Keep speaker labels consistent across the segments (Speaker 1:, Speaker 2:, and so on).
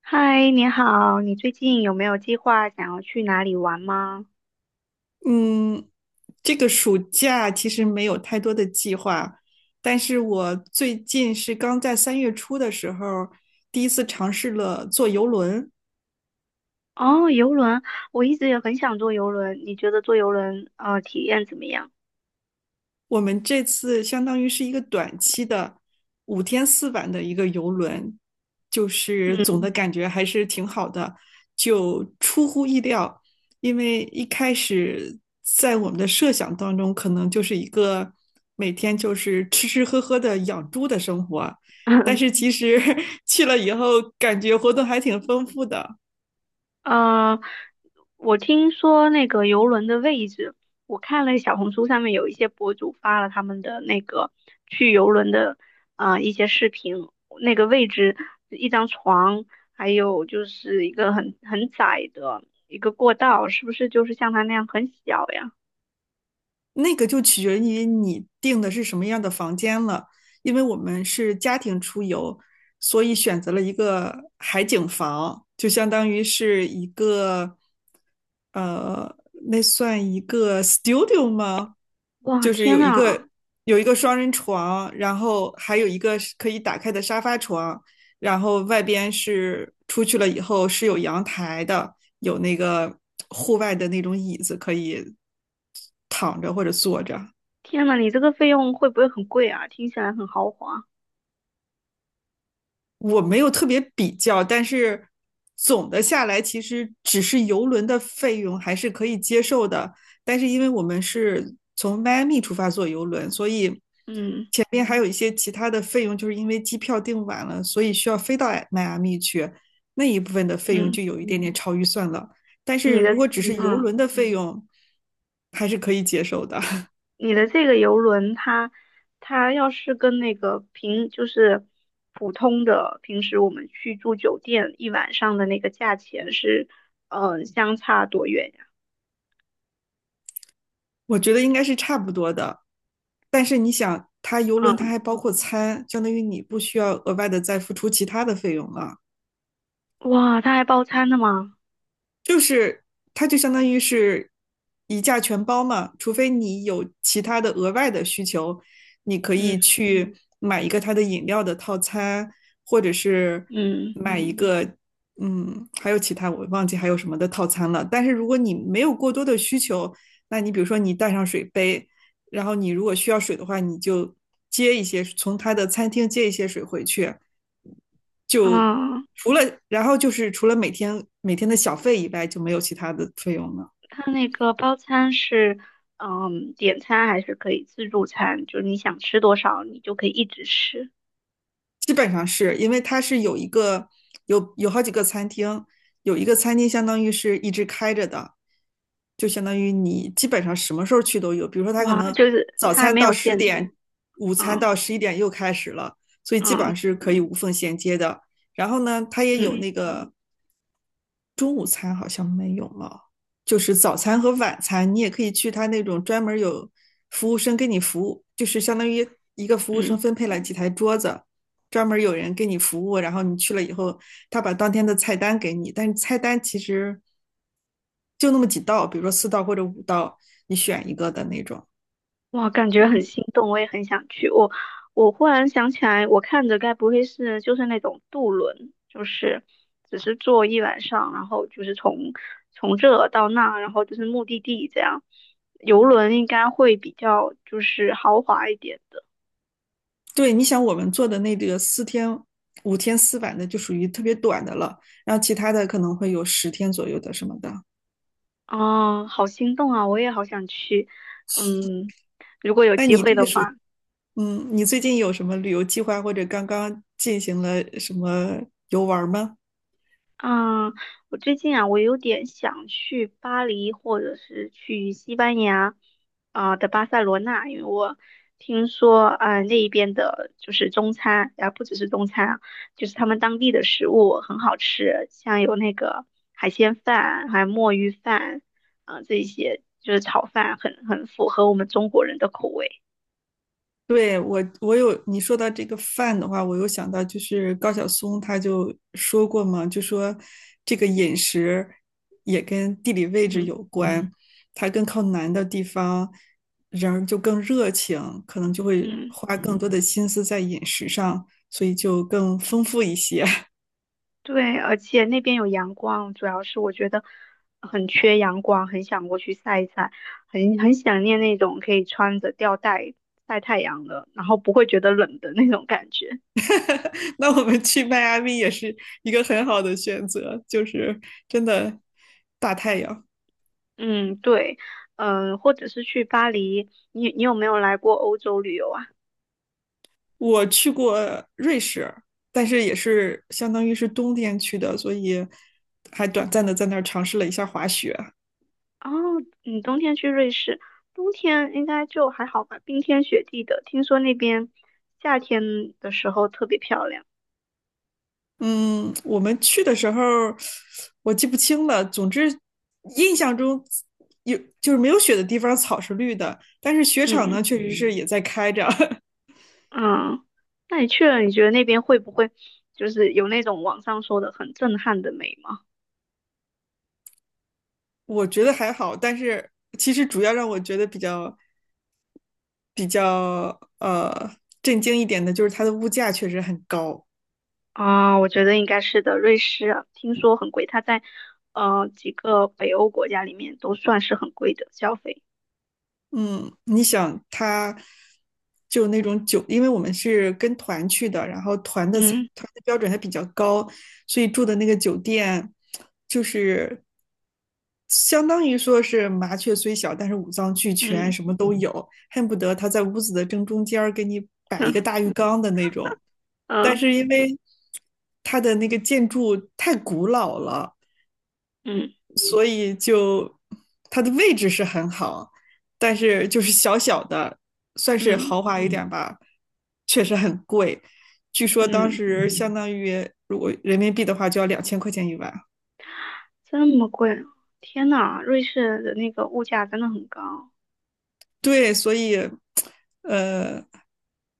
Speaker 1: 嗨，你好，你最近有没有计划想要去哪里玩吗？
Speaker 2: 嗯，这个暑假其实没有太多的计划，但是我最近是刚在3月初的时候第一次尝试了坐游轮。
Speaker 1: 哦，游轮，我一直也很想坐游轮，你觉得坐游轮体验怎么样？
Speaker 2: 我们这次相当于是一个短期的五天四晚的一个游轮，就是总的感觉还是挺好的，就出乎意料，因为一开始在我们的设想当中，可能就是一个每天就是吃吃喝喝的养猪的生活，但
Speaker 1: 嗯，
Speaker 2: 是其实 去了以后，感觉活动还挺丰富的。
Speaker 1: 呃，我听说那个游轮的位置，我看了小红书上面有一些博主发了他们的那个去游轮的一些视频，那个位置一张床，还有就是一个很窄的一个过道，是不是就是像它那样很小呀？
Speaker 2: 那个就取决于你订的是什么样的房间了，因为我们是家庭出游，所以选择了一个海景房，就相当于是一个，呃，那算一个 studio 吗？
Speaker 1: 哇，
Speaker 2: 就是
Speaker 1: 天
Speaker 2: 有一
Speaker 1: 呐，
Speaker 2: 个有一个双人床，然后还有一个是可以打开的沙发床，然后外边是出去了以后是有阳台的，有那个户外的那种椅子可以躺着或者坐着。
Speaker 1: 天呐，你这个费用会不会很贵啊？听起来很豪华。
Speaker 2: 我没有特别比较，但是总的下来，其实只是游轮的费用还是可以接受的。但是因为我们是从迈阿密出发坐游轮，所以
Speaker 1: 嗯
Speaker 2: 前面还有一些其他的费用，就是因为机票订晚了，所以需要飞到迈阿密去，那一部分的费用就
Speaker 1: 嗯，
Speaker 2: 有一点点超预算了。但是
Speaker 1: 你的
Speaker 2: 如果只是游
Speaker 1: 嗯，
Speaker 2: 轮的费用，还是可以接受的。
Speaker 1: 你的这个游轮它，它要是跟那个平就是普通的平时我们去住酒店一晚上的那个价钱是，嗯、相差多远呀？
Speaker 2: 我觉得应该是差不多的。但是你想，它游轮它
Speaker 1: 嗯，
Speaker 2: 还包括餐，相当于你不需要额外的再付出其他的费用了。
Speaker 1: 哇，它还包餐的吗？
Speaker 2: 就是它就相当于是一价全包嘛，除非你有其他的额外的需求，你可以
Speaker 1: 嗯
Speaker 2: 去买一个它的饮料的套餐，或者是
Speaker 1: 嗯
Speaker 2: 买一个还有其他我忘记还有什么的套餐了。但是如果你没有过多的需求，那你比如说你带上水杯，然后你如果需要水的话，你就接一些从他的餐厅接一些水回去。就
Speaker 1: 啊。
Speaker 2: 除了然后就是除了每天的小费以外，就没有其他的费用了。
Speaker 1: 它那个包餐是，嗯，点餐还是可以自助餐，就是你想吃多少，你就可以一直吃。
Speaker 2: 基本上是因为它是有好几个餐厅，有一个餐厅相当于是一直开着的，就相当于你基本上什么时候去都有。比如说，它可
Speaker 1: 哇，
Speaker 2: 能
Speaker 1: 就是
Speaker 2: 早
Speaker 1: 它还
Speaker 2: 餐
Speaker 1: 没
Speaker 2: 到
Speaker 1: 有
Speaker 2: 十
Speaker 1: 限制。
Speaker 2: 点，午餐
Speaker 1: 嗯
Speaker 2: 到11点又开始了，所以基本上
Speaker 1: 嗯
Speaker 2: 是可以无缝衔接的。然后呢，它也有
Speaker 1: 嗯
Speaker 2: 那个中午餐好像没有了，就是早餐和晚餐，你也可以去它那种专门有服务生给你服务，就是相当于一个服务生
Speaker 1: 嗯，
Speaker 2: 分配了几台桌子。专门有人给你服务，然后你去了以后，他把当天的菜单给你，但是菜单其实就那么几道，比如说4道或者5道，你选一个的那种。
Speaker 1: 哇，感觉很心动，我也很想去。我忽然想起来，我看着该不会是就是那种渡轮，就是只是坐一晚上，然后就是从这到那，然后就是目的地这样。游轮应该会比较就是豪华一点。的。
Speaker 2: 对，你想我们做的那个五天四晚的就属于特别短的了，然后其他的可能会有10天左右的什么的。
Speaker 1: 哦，好心动啊！我也好想去，嗯，如果有
Speaker 2: 那
Speaker 1: 机
Speaker 2: 你
Speaker 1: 会
Speaker 2: 这个
Speaker 1: 的
Speaker 2: 属，
Speaker 1: 话，
Speaker 2: 嗯，你最近有什么旅游计划或者刚刚进行了什么游玩吗？
Speaker 1: 嗯，我最近啊，我有点想去巴黎，或者是去西班牙，啊、的巴塞罗那，因为我听说，啊、那一边的就是中餐，啊，不只是中餐啊，就是他们当地的食物很好吃，像有那个海鲜饭，还有墨鱼饭，啊、这一些就是炒饭很符合我们中国人的口味，
Speaker 2: 对，我，我有你说到这个饭的话，我又想到就是高晓松他就说过嘛，就说这个饮食也跟地理位置
Speaker 1: 嗯
Speaker 2: 有关，它更靠南的地方，人儿就更热情，可能就会
Speaker 1: 嗯。
Speaker 2: 花更多的心思在饮食上，所以就更丰富一些。
Speaker 1: 对，而且那边有阳光，主要是我觉得很缺阳光，很想过去晒一晒，很想念那种可以穿着吊带晒太阳的，然后不会觉得冷的那种感觉。
Speaker 2: 那我们去迈阿密也是一个很好的选择，就是真的大太阳。
Speaker 1: 嗯，对，嗯、或者是去巴黎，你有没有来过欧洲旅游啊？
Speaker 2: 我去过瑞士，但是也是相当于是冬天去的，所以还短暂的在那儿尝试了一下滑雪。
Speaker 1: 哦，你冬天去瑞士，冬天应该就还好吧，冰天雪地的，听说那边夏天的时候特别漂亮。
Speaker 2: 嗯，我们去的时候我记不清了，总之印象中就是没有雪的地方草是绿的，但是雪场
Speaker 1: 嗯。
Speaker 2: 呢确实是也在开着。
Speaker 1: 嗯，那你去了，你觉得那边会不会就是有那种网上说的很震撼的美吗？
Speaker 2: 我觉得还好。但是其实主要让我觉得比较震惊一点的就是它的物价确实很高。
Speaker 1: 啊，我觉得应该是的。瑞士啊听说很贵，它在几个北欧国家里面都算是很贵的消费。
Speaker 2: 嗯，你想他就那种酒，因为我们是跟团去的，然后
Speaker 1: 嗯
Speaker 2: 团的标准还比较高，所以住的那个酒店就是相当于说是麻雀虽小，但是五脏俱全，
Speaker 1: 嗯
Speaker 2: 什么都有，恨不得他在屋子的正中间儿给你摆一
Speaker 1: 哼
Speaker 2: 个大浴缸的那种。但
Speaker 1: 嗯
Speaker 2: 是因为它的那个建筑太古老了，
Speaker 1: 嗯
Speaker 2: 所以就它的位置是很好，但是就是小小的，算是
Speaker 1: 嗯
Speaker 2: 豪华一点吧，确实很贵。据说当
Speaker 1: 嗯，
Speaker 2: 时相当于如果人民币的话，就要2000块钱一晚。
Speaker 1: 这么贵啊天呐，瑞士的那个物价真的很高
Speaker 2: 对，所以呃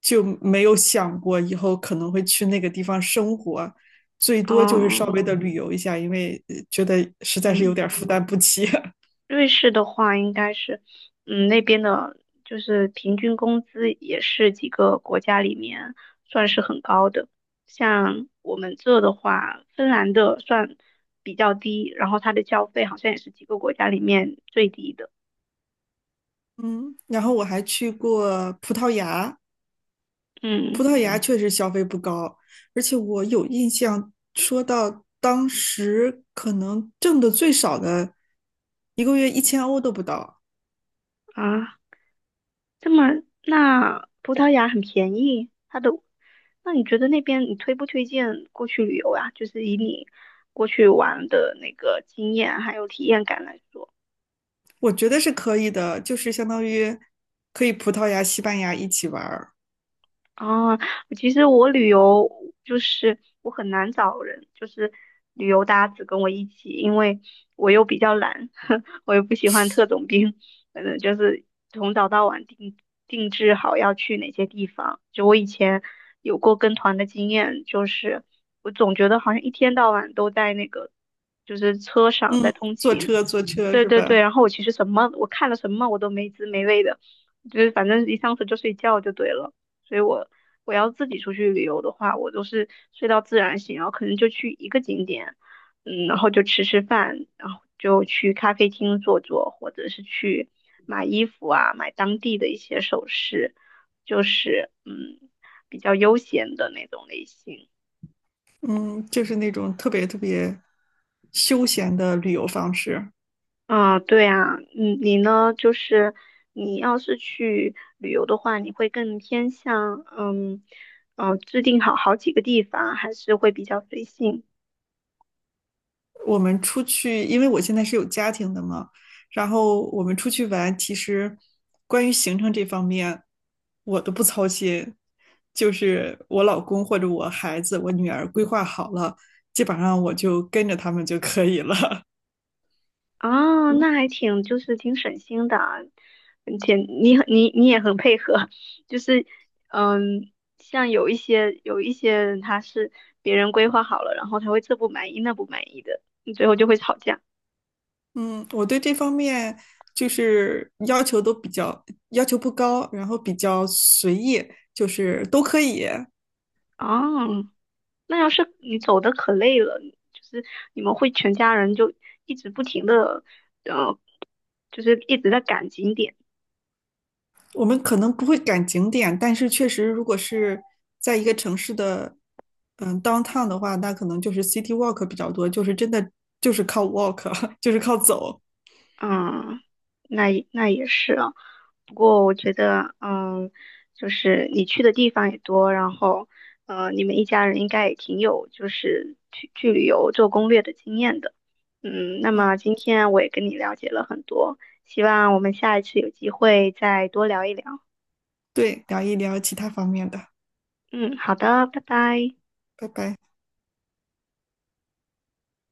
Speaker 2: 就没有想过以后可能会去那个地方生活，最
Speaker 1: 啊。
Speaker 2: 多就是稍微
Speaker 1: 哦
Speaker 2: 的旅游一下，因为觉得实在是有
Speaker 1: 嗯。
Speaker 2: 点负担不起。
Speaker 1: 瑞士的话，应该是，嗯，那边的就是平均工资也是几个国家里面算是很高的。像我们这的话，芬兰的算比较低，然后它的消费好像也是几个国家里面最低的。
Speaker 2: 嗯，然后我还去过葡萄牙。葡
Speaker 1: 嗯
Speaker 2: 萄牙确实消费不高，而且我有印象，说到当时可能挣的最少的，一个月1000欧都不到。
Speaker 1: 啊，这么那葡萄牙很便宜，它的，那你觉得那边你推不推荐过去旅游呀？就是以你过去玩的那个经验还有体验感来说。
Speaker 2: 我觉得是可以的，就是相当于可以葡萄牙、西班牙一起玩儿。
Speaker 1: 啊，其实我旅游就是我很难找人，就是旅游搭子跟我一起，因为我又比较懒，我又不喜欢特种兵，反正就是从早到晚定制好要去哪些地方。就我以前有过跟团的经验，就是我总觉得好像一天到晚都在那个就是车上在通
Speaker 2: 坐
Speaker 1: 勤，
Speaker 2: 车坐车
Speaker 1: 对
Speaker 2: 是
Speaker 1: 对
Speaker 2: 吧？
Speaker 1: 对，然后我其实什么，我看了什么我都没滋没味的，就是反正一上车就睡觉就对了。所以我要自己出去旅游的话，我都是睡到自然醒，然后可能就去一个景点，嗯，然后就吃吃饭，然后就去咖啡厅坐坐，或者是去买衣服啊，买当地的一些首饰，就是嗯比较悠闲的那种类型。
Speaker 2: 嗯，就是那种特别特别休闲的旅游方式。
Speaker 1: 啊，对啊，嗯，你呢？就是你要是去旅游的话，你会更偏向嗯，制定好好几个地方，还是会比较随性
Speaker 2: 我们出去，因为我现在是有家庭的嘛，然后我们出去玩，其实关于行程这方面，我都不操心，就是我老公或者我孩子、我女儿规划好了，基本上我就跟着他们就可以了。
Speaker 1: 啊？那还挺，就是挺省心的啊，而且你也很配合，就是嗯，像有一些人他是别人规划好了，然后他会这不满意那不满意的，最后就会吵架。
Speaker 2: 嗯，我对这方面就是要求不高，然后比较随意，就是都可以。
Speaker 1: 哦，那要是你走的可累了，就是你们会全家人就一直不停的，呃，就是一直在赶景点，
Speaker 2: 我们可能不会赶景点，但是确实，如果是在一个城市的，downtown 的话，那可能就是 city walk 比较多，就是真的就是靠 walk，就是靠走。
Speaker 1: 嗯，那也那也是啊。不过我觉得，嗯，就是你去的地方也多，然后，呃，你们一家人应该也挺有就是去旅游做攻略的经验的，嗯，那么今天我也跟你了解了很多，希望我们下一次有机会再多聊一聊。
Speaker 2: 对，聊一聊其他方面的，
Speaker 1: 嗯，好的，拜拜。
Speaker 2: 拜拜。